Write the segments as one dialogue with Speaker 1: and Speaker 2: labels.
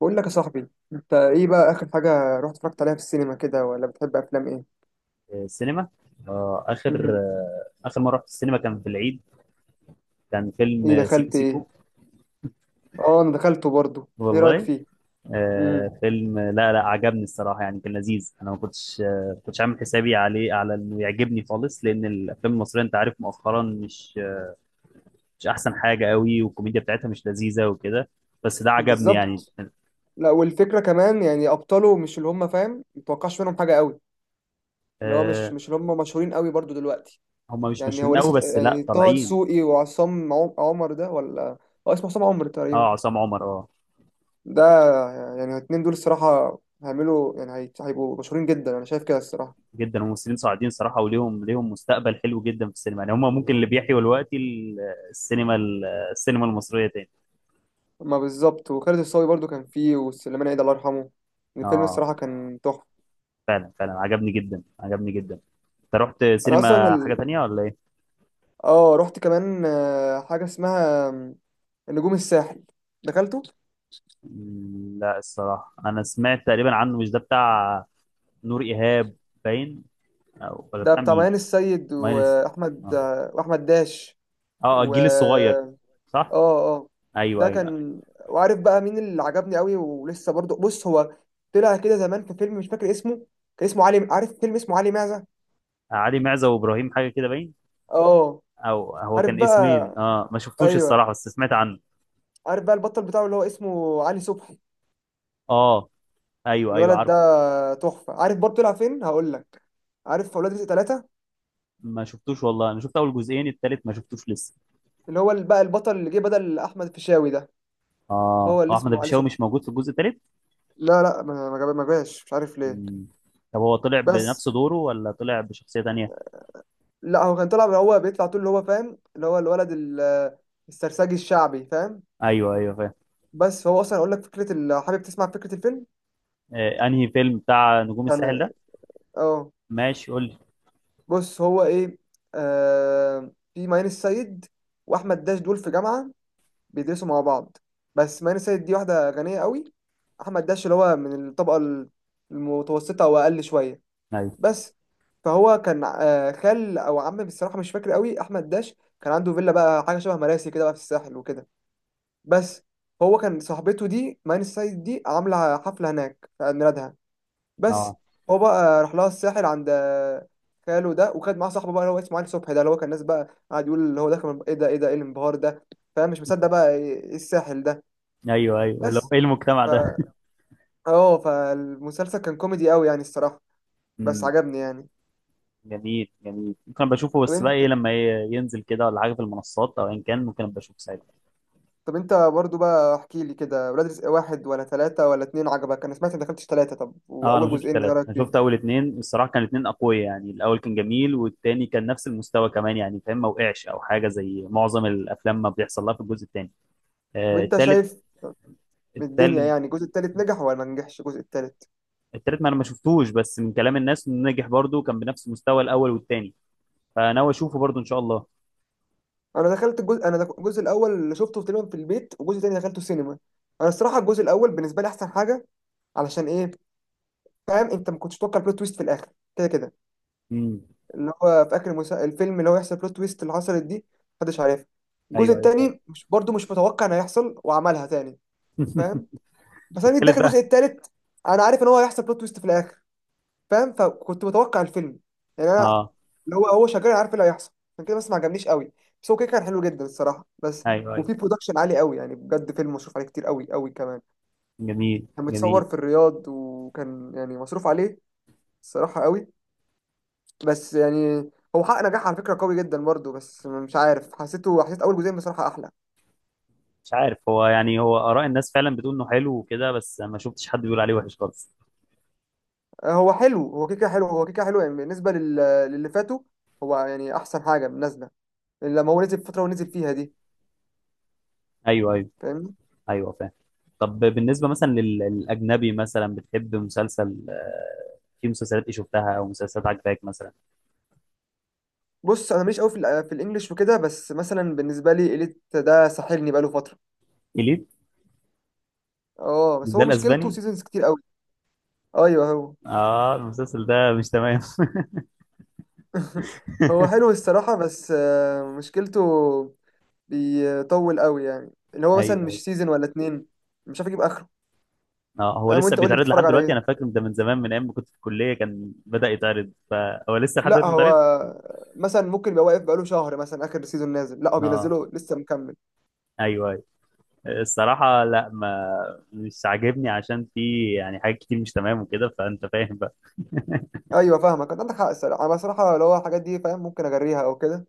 Speaker 1: بقول لك يا صاحبي، انت ايه بقى اخر حاجه رحت اتفرجت عليها في السينما كده، ولا بتحب افلام ايه؟
Speaker 2: السينما. آه اخر
Speaker 1: امم
Speaker 2: آه اخر مره رحت السينما كان في العيد. كان فيلم
Speaker 1: ايه
Speaker 2: سيكو
Speaker 1: دخلت ايه؟
Speaker 2: سيكو.
Speaker 1: اه انا دخلته برضو، ايه رايك
Speaker 2: والله
Speaker 1: فيه؟ امم
Speaker 2: آه، فيلم لا عجبني الصراحه، يعني كان لذيذ. انا ما كنتش كنتش عامل حسابي عليه على انه يعجبني خالص، لان الافلام المصريه انت عارف مؤخرا مش احسن حاجه قوي، والكوميديا بتاعتها مش لذيذه وكده. بس ده عجبني يعني.
Speaker 1: بالظبط. لا والفكره كمان يعني ابطاله مش اللي هم، فاهم؟ متوقعش منهم حاجه قوي. اللي هو
Speaker 2: آه.
Speaker 1: مش اللي هم مشهورين قوي برضو دلوقتي.
Speaker 2: هم مش
Speaker 1: يعني هو
Speaker 2: مشهورين قوي،
Speaker 1: لسه
Speaker 2: بس لا
Speaker 1: يعني طه
Speaker 2: طالعين.
Speaker 1: دسوقي وعصام عمر ده ولا، اه اسمه عصام عمر تقريبا
Speaker 2: اه، عصام عمر اه.
Speaker 1: ده. يعني الاتنين دول الصراحه هيعملوا يعني هيبقوا مشهورين جدا، انا شايف كده الصراحه.
Speaker 2: جدا، الممثلين صاعدين صراحه، وليهم مستقبل حلو جدا في السينما، يعني هم ممكن اللي بيحيوا دلوقتي السينما، السينما المصريه تاني.
Speaker 1: ما بالظبط، وخالد الصاوي برضو كان فيه، وسليمان عيد الله يرحمه. الفيلم
Speaker 2: اه،
Speaker 1: الصراحة كان تحفة.
Speaker 2: فعلا عجبني جدا، عجبني جدا. انت رحت
Speaker 1: أنا أصلا
Speaker 2: سينما حاجه تانية ولا ايه؟
Speaker 1: آه رحت كمان حاجة اسمها نجوم الساحل، دخلته.
Speaker 2: مم، لا الصراحه انا سمعت تقريبا عنه، مش ده بتاع نور ايهاب باين، او ولا
Speaker 1: ده
Speaker 2: بتاع
Speaker 1: بتاع
Speaker 2: مين؟
Speaker 1: ميان السيد
Speaker 2: ماينس.
Speaker 1: وأحمد
Speaker 2: اه.
Speaker 1: وأحمد داش.
Speaker 2: اه،
Speaker 1: و
Speaker 2: الجيل الصغير.
Speaker 1: آه
Speaker 2: صح.
Speaker 1: آه،
Speaker 2: ايوه
Speaker 1: ده
Speaker 2: ايوه.
Speaker 1: كان. وعارف بقى مين اللي عجبني قوي ولسه برضو؟ بص، هو طلع كده زمان في فيلم مش فاكر اسمه، كان اسمه علي، عارف فيلم اسمه علي معزة؟
Speaker 2: علي معزه وابراهيم حاجه كده باين،
Speaker 1: آه.
Speaker 2: او هو
Speaker 1: عارف
Speaker 2: كان اسمين.
Speaker 1: بقى؟
Speaker 2: اه، ما شفتوش
Speaker 1: أيوه،
Speaker 2: الصراحه بس سمعت عنه.
Speaker 1: عارف بقى البطل بتاعه اللي هو اسمه علي صبحي،
Speaker 2: اه. ايوه ايوه
Speaker 1: الولد
Speaker 2: عارف.
Speaker 1: ده تحفه. عارف برضه طلع فين؟ هقول لك. عارف اولاد رزق ثلاثة؟
Speaker 2: ما شفتوش والله، انا شفت اول جزئين، التالت ما شفتوش لسه.
Speaker 1: اللي هو بقى البطل اللي جه بدل احمد الفيشاوي ده،
Speaker 2: اه،
Speaker 1: هو اللي
Speaker 2: هو احمد
Speaker 1: اسمه علي
Speaker 2: الفيشاوي
Speaker 1: صبحي.
Speaker 2: مش موجود في الجزء التالت.
Speaker 1: لا ما ما جاش مش عارف ليه.
Speaker 2: مم. طب هو طلع بنفس
Speaker 1: بس،
Speaker 2: دوره ولا طلع بشخصية تانية؟
Speaker 1: لا هو كان طلع، هو بيطلع طول اللي هو، فاهم؟ اللي هو الولد السرسجي الشعبي، فاهم؟
Speaker 2: ايوه ايوه فاهم.
Speaker 1: بس هو اصلا اقول لك فكره لو حابب تسمع فكره الفيلم
Speaker 2: آه، انهي فيلم بتاع نجوم الساحل
Speaker 1: كان.
Speaker 2: ده؟
Speaker 1: اه،
Speaker 2: ماشي قول لي.
Speaker 1: بص هو ايه، آه في ماين السيد واحمد داش، دول في جامعه بيدرسوا مع بعض. بس ماني سيد دي واحدة غنية قوي، أحمد داش اللي هو من الطبقة المتوسطة أو أقل شوية.
Speaker 2: ايوه.
Speaker 1: بس فهو كان خال أو عم بصراحة مش فاكر قوي، أحمد داش كان عنده فيلا بقى، حاجة شبه مراسي كده بقى في الساحل وكده. بس هو كان صاحبته دي ماني سيد دي عاملة حفلة هناك في عيد ميلادها. بس
Speaker 2: اه.
Speaker 1: هو بقى راح لها الساحل عند خاله ده، وخد معاه صاحبه بقى اللي هو اسمه علي صبحي ده، اللي هو كان الناس بقى قاعد يقول اللي هو ده، كان ايه ده، ايه ده، ايه الانبهار ده، فاهم؟ مش مصدق بقى ايه الساحل ده.
Speaker 2: ايوه ايوه، اللي هو
Speaker 1: بس
Speaker 2: ايه المجتمع
Speaker 1: ف
Speaker 2: ده؟
Speaker 1: اه، فالمسلسل كان كوميدي قوي يعني الصراحة، بس
Speaker 2: مم.
Speaker 1: عجبني يعني.
Speaker 2: جميل جميل، ممكن أبقى اشوفه،
Speaker 1: طب
Speaker 2: بس بقى
Speaker 1: انت،
Speaker 2: ايه لما ينزل كده، ولا حاجة في المنصات، او ان كان ممكن أبقى اشوفه ساعتها.
Speaker 1: طب انت برضو بقى احكي لي كده، ولاد رزق واحد ولا ثلاثة ولا اتنين عجبك؟ انا سمعت انك دخلتش ثلاثة، طب
Speaker 2: اه، انا ما
Speaker 1: واول
Speaker 2: شفتش
Speaker 1: جزئين ايه
Speaker 2: ثلاثة،
Speaker 1: رأيك
Speaker 2: انا
Speaker 1: فيهم؟
Speaker 2: شفت اول اتنين الصراحة. كان اتنين اقوياء يعني، الاول كان جميل والتاني كان نفس المستوى كمان يعني فاهم، ما وقعش او حاجة زي معظم الافلام ما بيحصل لها في الجزء التاني.
Speaker 1: طب
Speaker 2: آه،
Speaker 1: انت
Speaker 2: التالت.
Speaker 1: شايف من الدنيا
Speaker 2: التالت.
Speaker 1: يعني الجزء التالت نجح ولا ما نجحش الجزء التالت؟
Speaker 2: التالت ما انا ما شفتوش، بس من كلام الناس انه نجح برضه، كان بنفس مستوى الاول والتاني. فناوي اشوفه برضه ان شاء الله.
Speaker 1: انا دخلت الجزء، انا الجزء الاول اللي شفته تقريبا في البيت، والجزء التاني دخلته سينما. انا الصراحة الجزء الاول بالنسبة لي احسن حاجة. علشان ايه؟ فاهم؟ انت ما كنتش تتوقع البلوت تويست في الاخر كده كده.
Speaker 2: امم
Speaker 1: اللي هو في اخر الفيلم اللي هو يحصل بلوت تويست اللي حصلت دي، محدش عارفها. الجزء
Speaker 2: ايوه ايوه فاهم.
Speaker 1: التاني مش برضه، مش متوقع ان هيحصل وعملها تاني، فاهم؟ بس انا جيت
Speaker 2: التالت
Speaker 1: داخل الجزء
Speaker 2: بقى.
Speaker 1: التالت انا عارف ان هو هيحصل بلوت تويست في الاخر، فاهم؟ فكنت متوقع الفيلم. يعني انا
Speaker 2: اه.
Speaker 1: اللي هو، هو شغال عارف إيه اللي هيحصل، عشان كده بس ما عجبنيش قوي. بس هو كده كان حلو جدا الصراحه، بس
Speaker 2: ايوه ايوه.
Speaker 1: وفي برودكشن عالي قوي يعني، بجد فيلم مصروف عليه كتير قوي قوي كمان.
Speaker 2: جميل
Speaker 1: كان
Speaker 2: جميل.
Speaker 1: متصور في الرياض، وكان يعني مصروف عليه الصراحه قوي. بس يعني هو حقق نجاح على فكرة قوي جدا برضه، بس مش عارف، حسيته، حسيت أول جزئين بصراحة أحلى.
Speaker 2: مش عارف هو يعني، هو اراء الناس فعلا بتقول انه حلو وكده، بس ما شفتش حد بيقول عليه وحش خالص.
Speaker 1: هو حلو، هو كيكة، حلو هو كيكة حلو يعني بالنسبة للي فاتوا. هو يعني أحسن حاجة نازلة لما هو نزل في الفترة ونزل فيها دي،
Speaker 2: ايوه ايوه.
Speaker 1: فاهمني؟
Speaker 2: ايوه فاهم. طب بالنسبه مثلا للاجنبي مثلا، بتحب مسلسل، في مسلسلات ايه شفتها او مسلسلات عجباك مثلا؟
Speaker 1: بص أنا ماليش قوي في، في الإنجليش وكده، بس مثلا بالنسبة لي إليت ده ساحلني بقاله فترة.
Speaker 2: اليت؟
Speaker 1: أه،
Speaker 2: مش
Speaker 1: بس
Speaker 2: ده
Speaker 1: هو مشكلته
Speaker 2: الاسباني؟
Speaker 1: سيزونز كتير قوي. أيوه هو.
Speaker 2: اه، المسلسل ده مش تمام.
Speaker 1: هو حلو الصراحة، بس مشكلته بيطول قوي يعني، اللي هو مثلا
Speaker 2: ايوه ايوه.
Speaker 1: مش سيزون ولا اتنين، مش عارف يجيب آخره.
Speaker 2: اه هو
Speaker 1: فاهم؟
Speaker 2: لسه
Speaker 1: وانت قول لي
Speaker 2: بيتعرض
Speaker 1: بتتفرج
Speaker 2: لحد
Speaker 1: على
Speaker 2: دلوقتي، انا
Speaker 1: ايه؟
Speaker 2: فاكر ده من زمان، من ايام ما كنت في الكليه كان بدأ يتعرض، فهو لسه لحد
Speaker 1: لا
Speaker 2: دلوقتي
Speaker 1: هو
Speaker 2: بيتعرض.
Speaker 1: مثلا ممكن يبقى واقف بقاله شهر مثلا، اخر سيزون نازل؟ لا هو
Speaker 2: اه.
Speaker 1: بينزله لسه مكمل.
Speaker 2: ايوه ايوه. الصراحه لا، ما مش عاجبني، عشان في يعني حاجات كتير مش تمام وكده، فانت فاهم.
Speaker 1: ايوه فاهمك، انت عندك حق الصراحه. انا بصراحه لو الحاجات دي، فاهم؟ ممكن اجريها او كده،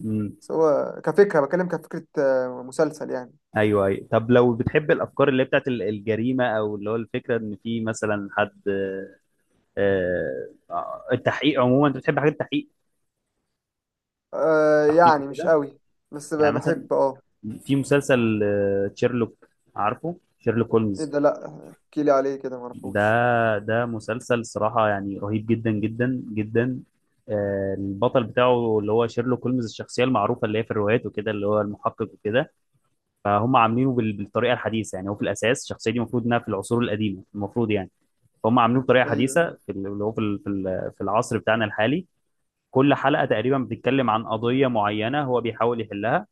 Speaker 2: بقى.
Speaker 1: بس هو كفكره، بتكلم كفكره مسلسل يعني.
Speaker 2: ايوه ايوه. طب لو بتحب الافكار اللي هي بتاعت الجريمه، او اللي هو الفكره ان في مثلا حد، التحقيق عموما، انت بتحب حاجات التحقيق،
Speaker 1: آه
Speaker 2: تحقيق
Speaker 1: يعني مش
Speaker 2: كده؟
Speaker 1: قوي، بس
Speaker 2: يعني مثلا،
Speaker 1: بحب اه.
Speaker 2: في مسلسل شيرلوك، عارفه شيرلوك
Speaker 1: ايه
Speaker 2: هولمز؟
Speaker 1: ده؟ لا احكي لي عليه كده،
Speaker 2: ده،
Speaker 1: معرفوش.
Speaker 2: ده مسلسل صراحه يعني رهيب، جدا جدا جدا. البطل بتاعه اللي هو شيرلوك هولمز، الشخصيه المعروفه اللي هي في الروايات وكده، اللي هو المحقق وكده. فهم عاملينه بالطريقه الحديثه، يعني هو في الاساس الشخصيه دي المفروض انها في العصور القديمه المفروض يعني، فهم عاملين بطريقه حديثه
Speaker 1: ايوه
Speaker 2: في ال- اللي هو في ال- في ال- في العصر بتاعنا الحالي. كل حلقه تقريبا بتتكلم عن قضيه معينه هو بيحاول يحلها،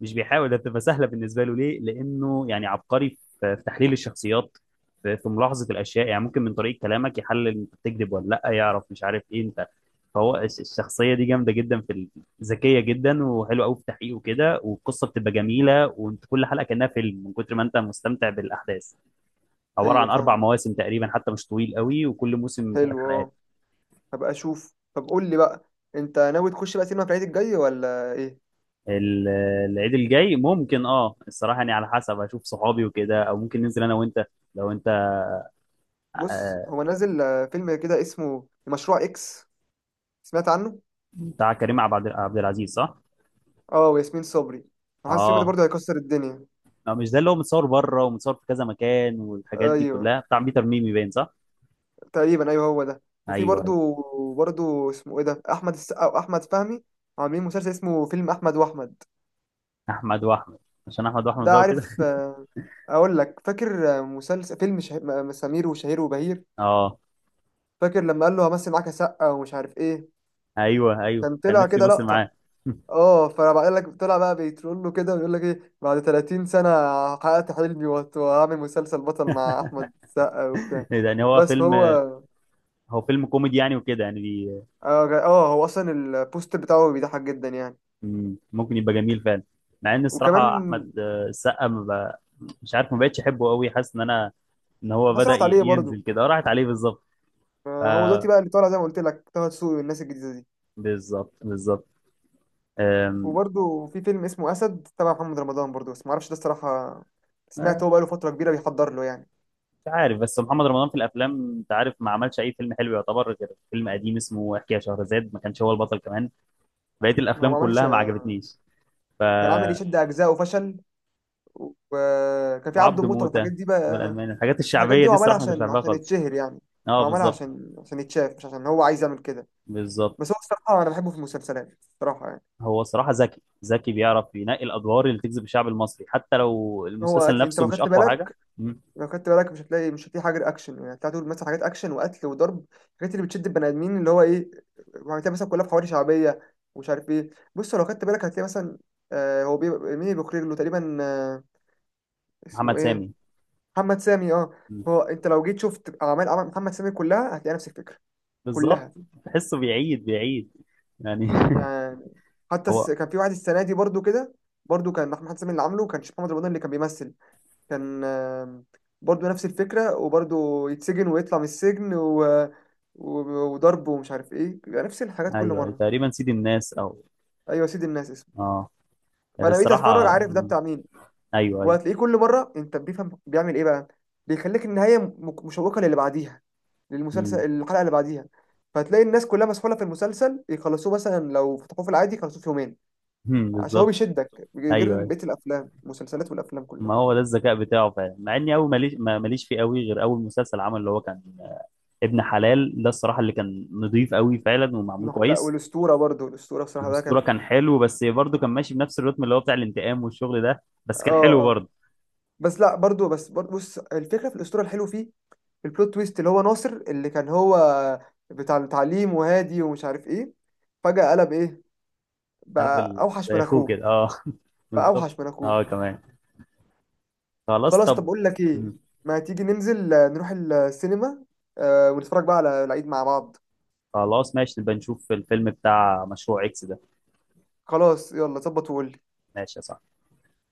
Speaker 2: مش بيحاول ده بتبقى سهله بالنسبه له، ليه؟ لانه يعني عبقري في تحليل الشخصيات، في ملاحظه الاشياء. يعني ممكن من طريقه كلامك يحلل انت بتكذب ولا لا، يعرف مش عارف ايه انت. فهو الشخصيه دي جامده جدا ذكيه جدا وحلوه قوي في تحقيقه كده، والقصه بتبقى جميله، وانت كل حلقه كانها فيلم من كتر ما انت مستمتع بالاحداث. عباره
Speaker 1: ايوه
Speaker 2: عن اربع
Speaker 1: فاهمك،
Speaker 2: مواسم تقريبا، حتى مش طويل قوي، وكل موسم ثلاث
Speaker 1: حلو
Speaker 2: حلقات.
Speaker 1: اه، هبقى اشوف. طب قول لي بقى، انت ناوي تخش بقى سينما في العيد الجاي ولا ايه؟
Speaker 2: ال- العيد الجاي ممكن اه، الصراحه يعني على حسب اشوف صحابي وكده، او ممكن ننزل انا وانت لو انت.
Speaker 1: بص
Speaker 2: آه،
Speaker 1: هو نازل فيلم كده اسمه مشروع اكس، سمعت عنه؟
Speaker 2: بتاع كريم عبد العزيز صح؟
Speaker 1: اه، وياسمين صبري. حاسس فيلم ده
Speaker 2: اه.
Speaker 1: برضه هيكسر الدنيا.
Speaker 2: آه، مش ده اللي هو متصور بره ومتصور في كذا مكان، والحاجات دي
Speaker 1: ايوه
Speaker 2: كلها بتاع بيتر ميمي باين صح؟
Speaker 1: تقريبا، ايوه هو ده. وفي
Speaker 2: ايوه ايوه.
Speaker 1: برضه، برضه اسمه ايه ده، احمد السقا واحمد فهمي عاملين مسلسل اسمه فيلم احمد واحمد.
Speaker 2: احمد واحمد. عشان احمد واحمد
Speaker 1: ده
Speaker 2: بقى وكده.
Speaker 1: عارف اقول لك، فاكر مسلسل فيلم سمير وشهير وبهير؟
Speaker 2: اه.
Speaker 1: فاكر لما قال له همثل معاك يا سقا ومش عارف ايه؟
Speaker 2: ايوه ايوه
Speaker 1: كان
Speaker 2: كان
Speaker 1: طلع
Speaker 2: نفسي
Speaker 1: كده
Speaker 2: يمثل
Speaker 1: لقطة.
Speaker 2: معاه.
Speaker 1: اه، فبقول لك طلع بقى بيترول له كده ويقول لك ايه، بعد 30 سنة حققت حلمي، وهعمل مسلسل بطل مع احمد السقا وبتاع.
Speaker 2: يعني هو
Speaker 1: بس
Speaker 2: فيلم،
Speaker 1: فهو
Speaker 2: هو فيلم كوميدي يعني وكده يعني.
Speaker 1: هو اصلا البوستر بتاعه بيضحك جدا يعني.
Speaker 2: مم. ممكن يبقى جميل فعلا. مع ان الصراحه
Speaker 1: وكمان
Speaker 2: احمد السقا ما بقى، مش عارف، ما بقتش احبه قوي، حاسس ان انا، ان هو
Speaker 1: حاسس
Speaker 2: بدا
Speaker 1: راحت عليه برضه.
Speaker 2: ينزل كده، راحت عليه بالظبط.
Speaker 1: هو دلوقتي
Speaker 2: آه،
Speaker 1: بقى اللي طالع زي ما قلت لك طه دسوقي والناس الجديده دي.
Speaker 2: بالظبط. آم،
Speaker 1: وبرضه في فيلم اسمه اسد تبع محمد رمضان برضه، بس ما اعرفش ده الصراحه. سمعت
Speaker 2: آه،
Speaker 1: هو بقاله فتره كبيره بيحضر له يعني.
Speaker 2: مش عارف، بس محمد رمضان في الافلام انت عارف، ما عملش اي فيلم حلو يعتبر، غير فيلم قديم اسمه احكي يا شهرزاد، ما كانش هو البطل كمان. بقيه
Speaker 1: هو
Speaker 2: الافلام
Speaker 1: ما عملش،
Speaker 2: كلها ما عجبتنيش. ف،
Speaker 1: كان عامل يشد اجزاء وفشل، وكان في عبده
Speaker 2: وعبد
Speaker 1: موته
Speaker 2: موته
Speaker 1: والحاجات دي بقى.
Speaker 2: والالماني، الحاجات
Speaker 1: بس الحاجات
Speaker 2: الشعبيه
Speaker 1: دي هو
Speaker 2: دي
Speaker 1: عملها
Speaker 2: الصراحه ما كنتش
Speaker 1: عشان
Speaker 2: بحبها
Speaker 1: عشان
Speaker 2: خالص.
Speaker 1: يتشهر يعني،
Speaker 2: اه
Speaker 1: هو عملها
Speaker 2: بالظبط.
Speaker 1: عشان عشان يتشاف، مش عشان هو عايز يعمل كده.
Speaker 2: بالظبط.
Speaker 1: بس هو الصراحه انا بحبه في المسلسلات الصراحه يعني.
Speaker 2: هو الصراحة ذكي، ذكي بيعرف ينقي الأدوار اللي تجذب الشعب المصري، حتى لو
Speaker 1: هو
Speaker 2: المسلسل
Speaker 1: انت
Speaker 2: نفسه
Speaker 1: لو
Speaker 2: مش
Speaker 1: خدت
Speaker 2: أقوى حاجة.
Speaker 1: بالك،
Speaker 2: مم.
Speaker 1: لو خدت بالك مش هتلاقي، مش هتلاقي حاجه اكشن يعني، هتلاقي طول مثلا حاجات اكشن وقتل وضرب، الحاجات اللي بتشد البني ادمين اللي هو ايه. هتلاقي مثلا كلها في حواري شعبيه ومش عارف ايه. بص لو خدت بالك هتلاقي مثلا، آه هو بيبقى مين اللي بيخرج له تقريبا، آه اسمه
Speaker 2: محمد
Speaker 1: ايه،
Speaker 2: سامي.
Speaker 1: محمد سامي؟ اه.
Speaker 2: مم.
Speaker 1: هو انت لو جيت شفت اعمال محمد سامي كلها هتلاقي نفس الفكره،
Speaker 2: بالظبط.
Speaker 1: كلها.
Speaker 2: تحسه بيعيد يعني.
Speaker 1: يعني حتى
Speaker 2: هو.
Speaker 1: كان في واحد السنه دي برضو كده، برضو كان محمد سامي اللي عامله، كان محمد رمضان اللي كان بيمثل، كان برضو نفس الفكرة، وبرضو يتسجن ويطلع من السجن و... وضرب ومش عارف ايه، بيبقى نفس الحاجات كل
Speaker 2: أيوه أيوه
Speaker 1: مرة.
Speaker 2: تقريبا سيد الناس، أو
Speaker 1: ايوه، سيد الناس اسمه.
Speaker 2: آه.
Speaker 1: فانا بقيت اتفرج،
Speaker 2: الصراحة.
Speaker 1: عارف ده
Speaker 2: مم.
Speaker 1: بتاع مين.
Speaker 2: أيوه أيوه.
Speaker 1: وهتلاقيه كل مرة انت، بيفهم بيعمل ايه بقى، بيخليك النهاية مشوقة للي بعديها، للمسلسل
Speaker 2: مم.
Speaker 1: الحلقة اللي بعديها. فهتلاقي الناس كلها مسحولة في المسلسل يخلصوه، مثلا لو فتحوه في العادي يخلصوه في يومين.
Speaker 2: مم.
Speaker 1: عشان هو
Speaker 2: بالظبط.
Speaker 1: بيشدك
Speaker 2: أيوه
Speaker 1: غير
Speaker 2: أيوه.
Speaker 1: بقية الأفلام، المسلسلات والأفلام كلها.
Speaker 2: ما هو ده الذكاء بتاعه فعلا، مع إني أول ماليش ماليش فيه قوي، غير أول مسلسل عمل اللي هو كان ابن حلال ده الصراحة، اللي كان نضيف قوي فعلا ومعمول
Speaker 1: لا
Speaker 2: كويس.
Speaker 1: والأسطورة برضو، الأسطورة بصراحة ده
Speaker 2: الأسطورة
Speaker 1: كان،
Speaker 2: كان حلو، بس برضه كان ماشي بنفس الريتم اللي هو بتاع الانتقام والشغل ده، بس كان حلو
Speaker 1: اه اه.
Speaker 2: برضه.
Speaker 1: بس لا برضو، بس برضو بص، الفكره في الاسطوره الحلو فيه البلوت تويست اللي هو ناصر اللي كان هو بتاع التعليم وهادي ومش عارف ايه، فجاه قلب ايه،
Speaker 2: عارف
Speaker 1: بقى اوحش
Speaker 2: زي
Speaker 1: من
Speaker 2: أخوه
Speaker 1: اخوه،
Speaker 2: كده أه.
Speaker 1: بقى
Speaker 2: بالظبط.
Speaker 1: اوحش من اخوه.
Speaker 2: أه كمان. خلاص
Speaker 1: خلاص طب،
Speaker 2: طب.
Speaker 1: اقول لك ايه،
Speaker 2: مم.
Speaker 1: ما تيجي ننزل نروح السينما ونتفرج بقى على العيد مع بعض.
Speaker 2: خلاص ماشي، نبقى نشوف الفيلم بتاع مشروع إكس ده.
Speaker 1: خلاص يلا ظبط وقول.
Speaker 2: ماشي يا صاحبي.